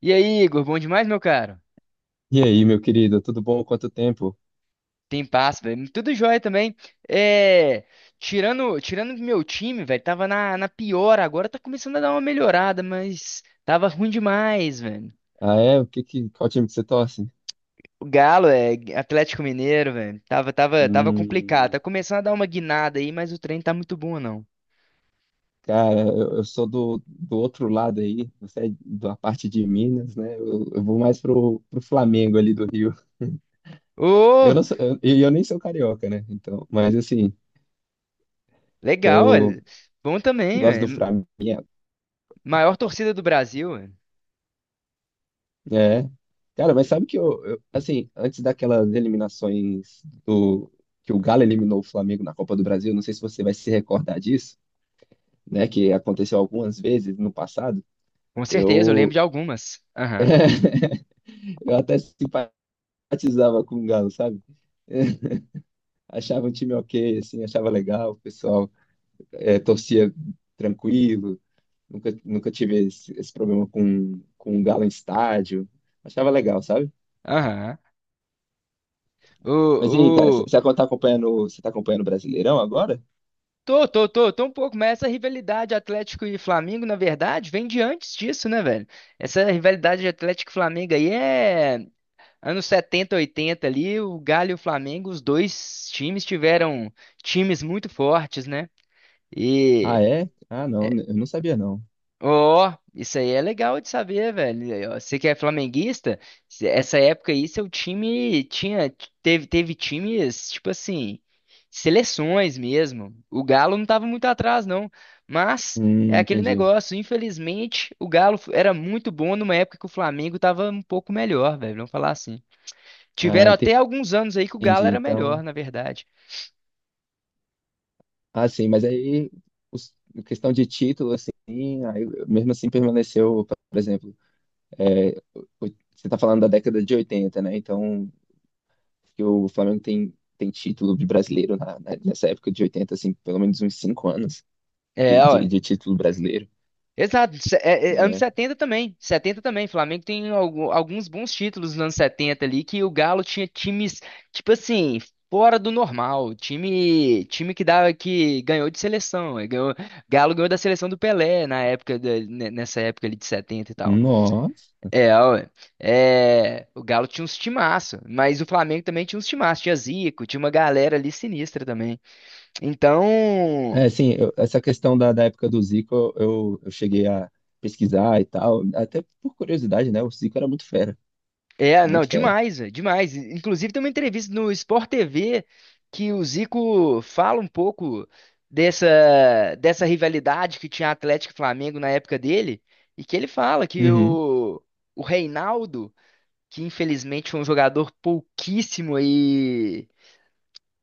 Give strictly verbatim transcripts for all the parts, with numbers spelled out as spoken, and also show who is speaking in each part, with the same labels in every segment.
Speaker 1: E aí, Igor, bom demais, meu caro?
Speaker 2: E aí, meu querido, tudo bom? Quanto tempo?
Speaker 1: Tem passo, velho. Tudo jóia também. É, tirando, tirando do meu time, velho, tava na, na pior, agora tá começando a dar uma melhorada, mas tava ruim demais, velho.
Speaker 2: Ah, é? O que que, qual time que você torce?
Speaker 1: O Galo é Atlético Mineiro, velho. Tava, tava, tava
Speaker 2: Hum,
Speaker 1: complicado. Tá começando a dar uma guinada aí, mas o trem tá muito bom, não.
Speaker 2: Cara, eu, eu sou do, do outro lado aí, você é da parte de Minas, né? Eu, eu vou mais pro, pro Flamengo ali do Rio. Eu
Speaker 1: Ô,
Speaker 2: não sou, eu, e eu nem sou carioca, né? Então, mas assim,
Speaker 1: legal,
Speaker 2: eu
Speaker 1: velho. Bom também,
Speaker 2: gosto do
Speaker 1: velho.
Speaker 2: Flamengo.
Speaker 1: Maior torcida do Brasil, velho.
Speaker 2: É. Cara, mas sabe que eu, eu- assim, antes daquelas eliminações do que o Galo eliminou o Flamengo na Copa do Brasil, não sei se você vai se recordar disso, né? Que aconteceu algumas vezes no passado.
Speaker 1: Com certeza, eu lembro
Speaker 2: Eu,
Speaker 1: de algumas. Aham,
Speaker 2: eu até simpatizava com o Galo, sabe? Achava um time ok, assim, achava legal, o pessoal eh, torcia tranquilo, nunca, nunca tive esse, esse problema com, com o Galo em estádio, achava legal, sabe?
Speaker 1: aham.
Speaker 2: Mas e aí, cara, você
Speaker 1: O,
Speaker 2: tá acompanhando, você tá acompanhando o Brasileirão agora?
Speaker 1: Tô, tô, tô, tô um pouco, mas essa rivalidade Atlético e Flamengo, na verdade, vem de antes disso, né, velho? Essa rivalidade de Atlético e Flamengo aí é anos setenta, oitenta ali, o Galo e o Flamengo, os dois times tiveram times muito fortes, né?
Speaker 2: Ah, é? Ah, não, eu não sabia, não.
Speaker 1: Ó, isso aí é legal de saber, velho. Aí, ó, você que é flamenguista, se- essa época aí seu time tinha teve teve times, tipo assim, seleções mesmo. O Galo não tava muito atrás não, mas é
Speaker 2: Hum,
Speaker 1: aquele
Speaker 2: entendi.
Speaker 1: negócio, infelizmente, o Galo f- era muito bom numa época que o Flamengo tava um pouco melhor, velho, vamos falar assim.
Speaker 2: Ah,
Speaker 1: Tiveram até
Speaker 2: entendi.
Speaker 1: alguns anos aí que o Galo era melhor,
Speaker 2: Então,
Speaker 1: na verdade.
Speaker 2: ah, sim, mas aí, os- questão de título, assim, aí, mesmo assim permaneceu, por exemplo. É, o- você está falando da década de oitenta, né? Então, que o Flamengo tem, tem título de brasileiro na- na- nessa época de oitenta, assim, pelo menos uns cinco anos
Speaker 1: É,
Speaker 2: de, de- de título brasileiro,
Speaker 1: Exato, se- é- é, anos
Speaker 2: né?
Speaker 1: setenta também. setenta também. Flamengo tem algu- alguns bons títulos nos anos setenta ali que o Galo tinha times, tipo assim, fora do normal. Time, time que dava, que ganhou de seleção. eh, Ganhou, Galo ganhou da seleção do Pelé na época, da- ne- nessa época ali de setenta e tal.
Speaker 2: Nossa!
Speaker 1: É, ué. É, o Galo tinha uns timaço, mas o Flamengo também tinha uns timaço. Tinha Zico, tinha uma galera ali sinistra também.
Speaker 2: É,
Speaker 1: Então.
Speaker 2: assim, eu- essa questão da, da época do Zico, eu, eu cheguei a pesquisar e tal, até por curiosidade, né? O Zico era muito fera,
Speaker 1: É, não,
Speaker 2: muito fera.
Speaker 1: demais, velho, demais. Inclusive tem uma entrevista no Sport T V que o Zico fala um pouco dessa, dessa rivalidade que tinha Atlético e Flamengo na época dele, e que ele fala que
Speaker 2: Uhum.
Speaker 1: o, o Reinaldo, que infelizmente foi um jogador pouquíssimo aí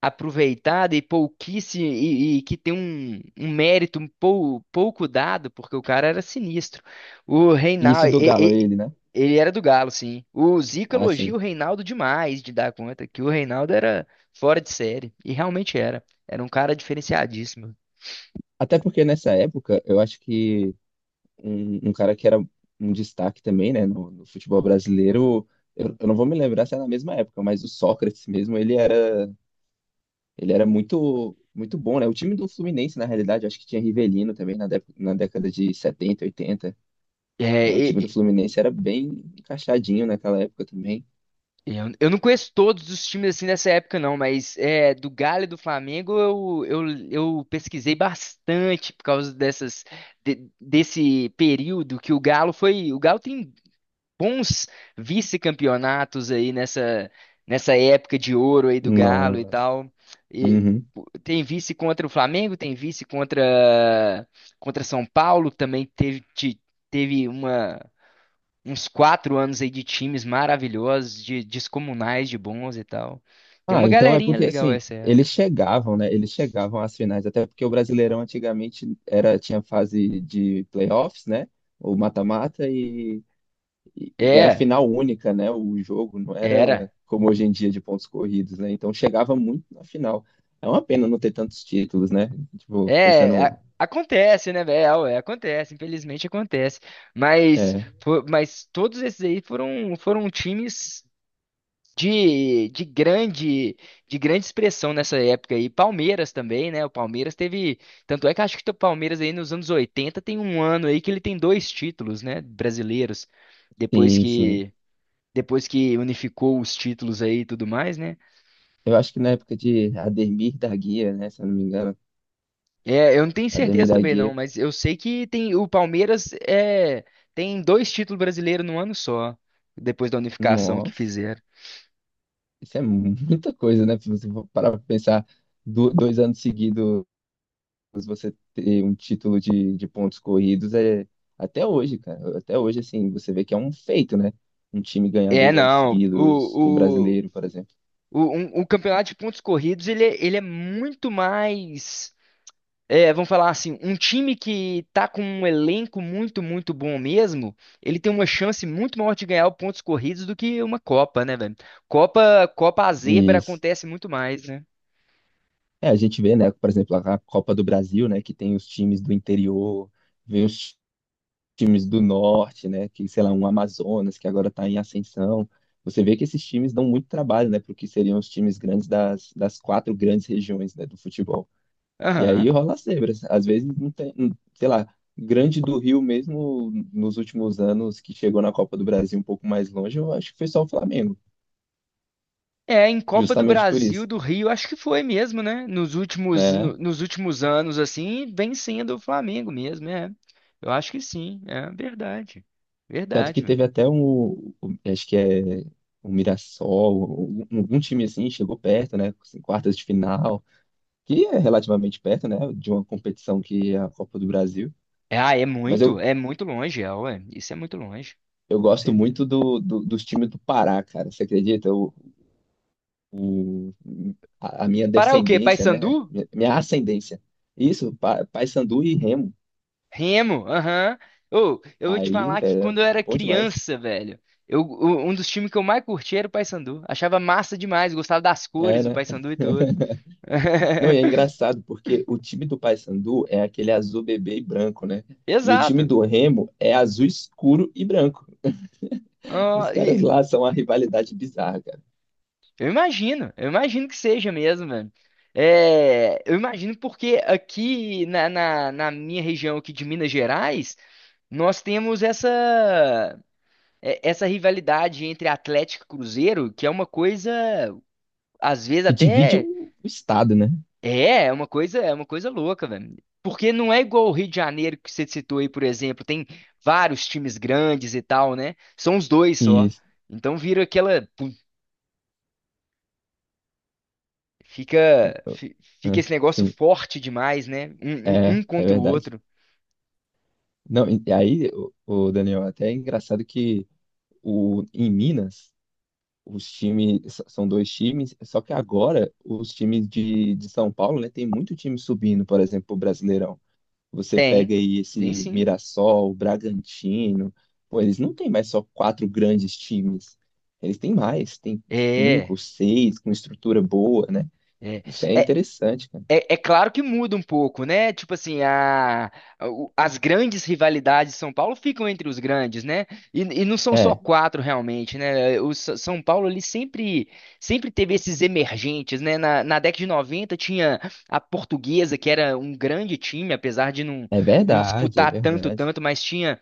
Speaker 1: aproveitada e pouquíssimo e, e que tem um, um mérito um pou- pouco dado, porque o cara era sinistro. O
Speaker 2: E isso
Speaker 1: Reinaldo,
Speaker 2: do Galo, ele, né?
Speaker 1: ele era do Galo, sim. O Zico
Speaker 2: Ah,
Speaker 1: elogia o
Speaker 2: sim.
Speaker 1: Reinaldo demais de dar conta que o Reinaldo era fora de série e realmente era. Era um cara diferenciadíssimo.
Speaker 2: Até porque nessa época, eu acho que um, um cara que era um destaque também, né, no, no futebol brasileiro. Eu, eu não vou me lembrar se é na mesma época, mas o Sócrates mesmo, ele era, ele era muito, muito bom, né? O time do Fluminense, na realidade, acho que tinha Rivelino também na, dép- na década de setenta oitenta, né? O time
Speaker 1: É,
Speaker 2: do Fluminense era bem encaixadinho naquela época também.
Speaker 1: Eu, eu não conheço todos os times assim nessa época, não, mas é, do Galo e do Flamengo eu, eu, eu pesquisei bastante por causa dessas, de- desse período que o Galo foi. O Galo tem bons vice-campeonatos aí nessa, nessa época de ouro aí do Galo e
Speaker 2: Nossa.
Speaker 1: tal. E
Speaker 2: Uhum.
Speaker 1: tem vice contra o Flamengo, tem vice contra, contra São Paulo, que também teve, te- teve uma uns quatro anos aí de times maravilhosos, de descomunais, de bons e tal. Tem
Speaker 2: Ah,
Speaker 1: uma
Speaker 2: então é
Speaker 1: galerinha
Speaker 2: porque
Speaker 1: legal
Speaker 2: assim,
Speaker 1: essa
Speaker 2: eles
Speaker 1: época.
Speaker 2: chegavam, né? Eles chegavam às finais, até porque o Brasileirão antigamente era tinha fase de playoffs, né? Ou mata-mata e E, e era
Speaker 1: É,
Speaker 2: final única, né? O jogo não era
Speaker 1: era.
Speaker 2: como hoje em dia de pontos corridos, né? Então chegava muito na final. É uma pena não ter tantos títulos, né? Tipo,
Speaker 1: É, a-
Speaker 2: pensando.
Speaker 1: acontece, né, velho? É, acontece, infelizmente acontece. Mas,
Speaker 2: É,
Speaker 1: fo- mas todos esses aí foram, foram times de, de grande, de grande expressão nessa época aí. Palmeiras também, né? O Palmeiras teve. Tanto é que acho que o Palmeiras aí nos anos oitenta tem um ano aí que ele tem dois títulos, né, brasileiros. Depois
Speaker 2: sim, sim.
Speaker 1: que depois que unificou os títulos aí e tudo mais, né?
Speaker 2: Eu acho que na época de Ademir da Guia, né? Se eu não me engano,
Speaker 1: É, eu não tenho
Speaker 2: Ademir
Speaker 1: certeza
Speaker 2: da
Speaker 1: também não,
Speaker 2: Guia.
Speaker 1: mas eu sei que tem o Palmeiras é, tem dois títulos brasileiros no ano só, depois da unificação que
Speaker 2: Nossa,
Speaker 1: fizeram.
Speaker 2: isso é muita coisa, né? Se você for parar pra pensar do- dois anos seguidos você ter um título de, de pontos corridos é até hoje, cara. Até hoje, assim, você vê que é um feito, né? Um time ganhar
Speaker 1: É,
Speaker 2: dois anos
Speaker 1: não, o,
Speaker 2: seguidos, o
Speaker 1: o,
Speaker 2: brasileiro, por exemplo.
Speaker 1: o, um- o campeonato de pontos corridos, ele, é- ele é muito mais. É, vamos falar assim, um time que tá com um elenco muito, muito bom mesmo, ele tem uma chance muito maior de ganhar pontos corridos do que uma Copa, né, velho? Copa, Copa a zebra
Speaker 2: E
Speaker 1: acontece muito mais, né?
Speaker 2: é, a gente vê, né? Por exemplo, a Copa do Brasil, né? Que tem os times do interior, vem os times do norte, né? Que, sei lá, um Amazonas, que agora tá em ascensão. Você vê que esses times dão muito trabalho, né? Porque seriam os times grandes das, das quatro grandes regiões, né, do futebol. E aí
Speaker 1: Aham.
Speaker 2: rola as zebras. Às vezes não tem, não- sei lá, Grande do Rio mesmo nos últimos anos que chegou na Copa do Brasil um pouco mais longe, eu acho que foi só o Flamengo,
Speaker 1: É, em Copa do
Speaker 2: justamente por
Speaker 1: Brasil,
Speaker 2: isso,
Speaker 1: do Rio, acho que foi mesmo, né? Nos últimos,
Speaker 2: né?
Speaker 1: no- nos últimos anos, assim, vem sendo o Flamengo mesmo, é. Eu acho que sim, é verdade.
Speaker 2: Tanto
Speaker 1: Verdade,
Speaker 2: que
Speaker 1: velho.
Speaker 2: teve até um, um- acho que é o Mirassol, um- algum time assim chegou perto, né? Assim, quartas de final, que é relativamente perto, né? De uma competição que é a Copa do Brasil.
Speaker 1: É, Ah, é
Speaker 2: Mas
Speaker 1: muito,
Speaker 2: eu,
Speaker 1: é muito longe, é, ué. Isso é muito longe,
Speaker 2: eu
Speaker 1: com
Speaker 2: gosto
Speaker 1: certeza.
Speaker 2: muito do, do- dos times do Pará, cara. Você acredita? a, a minha
Speaker 1: Para o quê?
Speaker 2: descendência, né?
Speaker 1: Paysandu?
Speaker 2: Minha minha ascendência. Isso, Pa- Paysandu e Remo.
Speaker 1: Remo, aham. Ô, eu vou te
Speaker 2: Aí,
Speaker 1: falar que
Speaker 2: velho,
Speaker 1: quando
Speaker 2: é
Speaker 1: eu era
Speaker 2: bom demais.
Speaker 1: criança, velho, eu, o- um dos times que eu mais curti era o Paysandu. Achava massa demais, gostava das
Speaker 2: É,
Speaker 1: cores do
Speaker 2: né?
Speaker 1: Paysandu e tudo.
Speaker 2: Não, e é engraçado porque o time do Paysandu é aquele azul bebê e branco, né? E o time
Speaker 1: Exato.
Speaker 2: do Remo é azul escuro e branco. Os
Speaker 1: Ah,
Speaker 2: caras
Speaker 1: e
Speaker 2: lá são uma rivalidade bizarra, cara.
Speaker 1: eu imagino, eu imagino que seja mesmo, velho. É, eu imagino porque aqui na, na, na minha região aqui de Minas Gerais, nós temos essa, é- essa rivalidade entre Atlético e Cruzeiro, que é uma coisa, às vezes,
Speaker 2: E divide o,
Speaker 1: até.
Speaker 2: o estado, né?
Speaker 1: É, é uma coisa, é uma coisa louca, velho. Porque não é igual o Rio de Janeiro que você citou aí, por exemplo, tem vários times grandes e tal, né? São os dois só.
Speaker 2: Isso.
Speaker 1: Então vira aquela, pum, fica, fi- fica
Speaker 2: Ah,
Speaker 1: esse negócio
Speaker 2: Sim,
Speaker 1: forte demais, né? Um, um-
Speaker 2: é,
Speaker 1: um
Speaker 2: é
Speaker 1: contra o
Speaker 2: verdade.
Speaker 1: outro.
Speaker 2: Não, e e aí, o, o Daniel, até é engraçado que o, em Minas os times são dois times, só que agora os times de, de São Paulo, né, tem muito time subindo, por exemplo, o Brasileirão. Você
Speaker 1: Tem,
Speaker 2: pega aí
Speaker 1: tem
Speaker 2: esse
Speaker 1: sim.
Speaker 2: Mirassol, o Bragantino, pô, eles não têm mais só quatro grandes times. Eles têm mais, tem
Speaker 1: É,
Speaker 2: cinco, seis, com estrutura boa, né?
Speaker 1: é.
Speaker 2: Isso é interessante, cara.
Speaker 1: É, é claro que muda um pouco, né? Tipo assim, a, a- o- as grandes rivalidades de São Paulo ficam entre os grandes, né? E, e não são só
Speaker 2: É,
Speaker 1: quatro realmente, né? O S- São Paulo ali sempre, sempre teve esses emergentes, né? Na, na década de noventa tinha a Portuguesa, que era um grande time, apesar de não,
Speaker 2: é
Speaker 1: não
Speaker 2: verdade, é
Speaker 1: disputar tanto,
Speaker 2: verdade.
Speaker 1: tanto, mas tinha,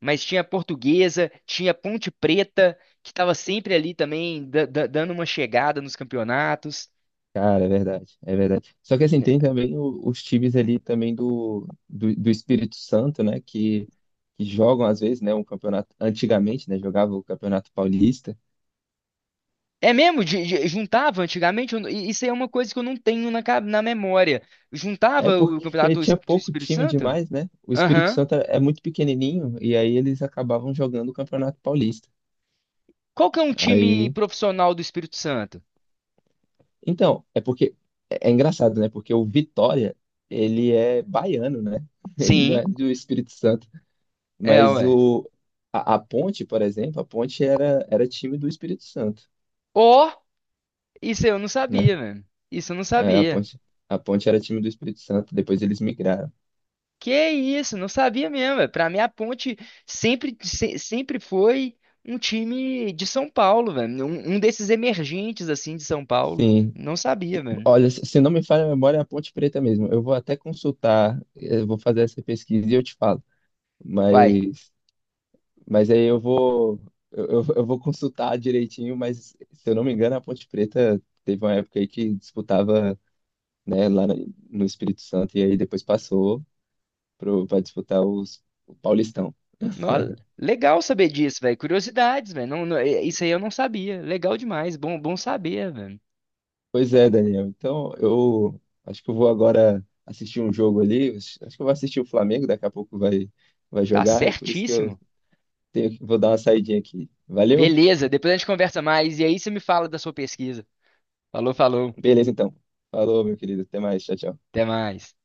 Speaker 1: mas tinha a Portuguesa, tinha a Ponte Preta, que estava sempre ali também da- da- dando uma chegada nos campeonatos.
Speaker 2: Cara, é verdade, é verdade. Só que assim, tem também o- os times ali também do, do, do Espírito Santo, né? Que, que jogam às vezes, né? Um campeonato, antigamente, né? Jogava o Campeonato Paulista.
Speaker 1: É mesmo? De- de- juntava antigamente? Eu não- i- isso aí é uma coisa que eu não tenho na, ca- na memória.
Speaker 2: É
Speaker 1: Juntava o
Speaker 2: porque
Speaker 1: campeonato es-
Speaker 2: tinha
Speaker 1: do
Speaker 2: pouco
Speaker 1: Espírito
Speaker 2: time
Speaker 1: Santo?
Speaker 2: demais, né? O Espírito
Speaker 1: Aham.
Speaker 2: Santo é é muito pequenininho e aí eles acabavam jogando o Campeonato Paulista.
Speaker 1: Qual que é um time
Speaker 2: Aí,
Speaker 1: profissional do Espírito Santo?
Speaker 2: então, é porque é, é engraçado, né? Porque o Vitória, ele é baiano, né? Ele não é
Speaker 1: Sim,
Speaker 2: do Espírito Santo.
Speaker 1: é,
Speaker 2: Mas
Speaker 1: ué.
Speaker 2: o, a, a Ponte, por exemplo, a Ponte era, era time do Espírito Santo,
Speaker 1: Ó, isso eu não
Speaker 2: né?
Speaker 1: sabia, mano. Isso eu não
Speaker 2: É, a
Speaker 1: sabia.
Speaker 2: Ponte, a Ponte era time do Espírito Santo, depois eles migraram.
Speaker 1: Que isso, não sabia mesmo. Ué. Pra mim, a Ponte sempre, se- sempre foi um time de São Paulo, velho. Um, um desses emergentes, assim, de São Paulo.
Speaker 2: Sim,
Speaker 1: Não sabia, velho.
Speaker 2: olha, se se não me falha a memória, é a Ponte Preta mesmo. Eu vou até consultar, eu vou fazer essa pesquisa e eu te falo.
Speaker 1: Uai.
Speaker 2: Mas, mas aí eu vou, eu, eu eu vou consultar direitinho, mas se eu não me engano, a Ponte Preta teve uma época aí que disputava, né, lá no no Espírito Santo e aí depois passou para disputar os, o Paulistão.
Speaker 1: Nó- legal saber disso, velho. Curiosidades, velho. Não- não- é- isso aí eu não sabia. Legal demais. Bom, bom saber, velho.
Speaker 2: Pois é, Daniel. Então, eu acho que eu vou agora assistir um jogo ali. Acho que eu vou assistir o Flamengo, daqui a pouco vai, vai
Speaker 1: Tá
Speaker 2: jogar, e por isso que eu
Speaker 1: certíssimo.
Speaker 2: tenho, que- vou dar uma saidinha aqui. Valeu?
Speaker 1: Beleza, depois a gente conversa mais. E aí você me fala da sua pesquisa. Falou, falou.
Speaker 2: Beleza, então. Falou, meu querido. Até mais. Tchau, tchau.
Speaker 1: Até mais.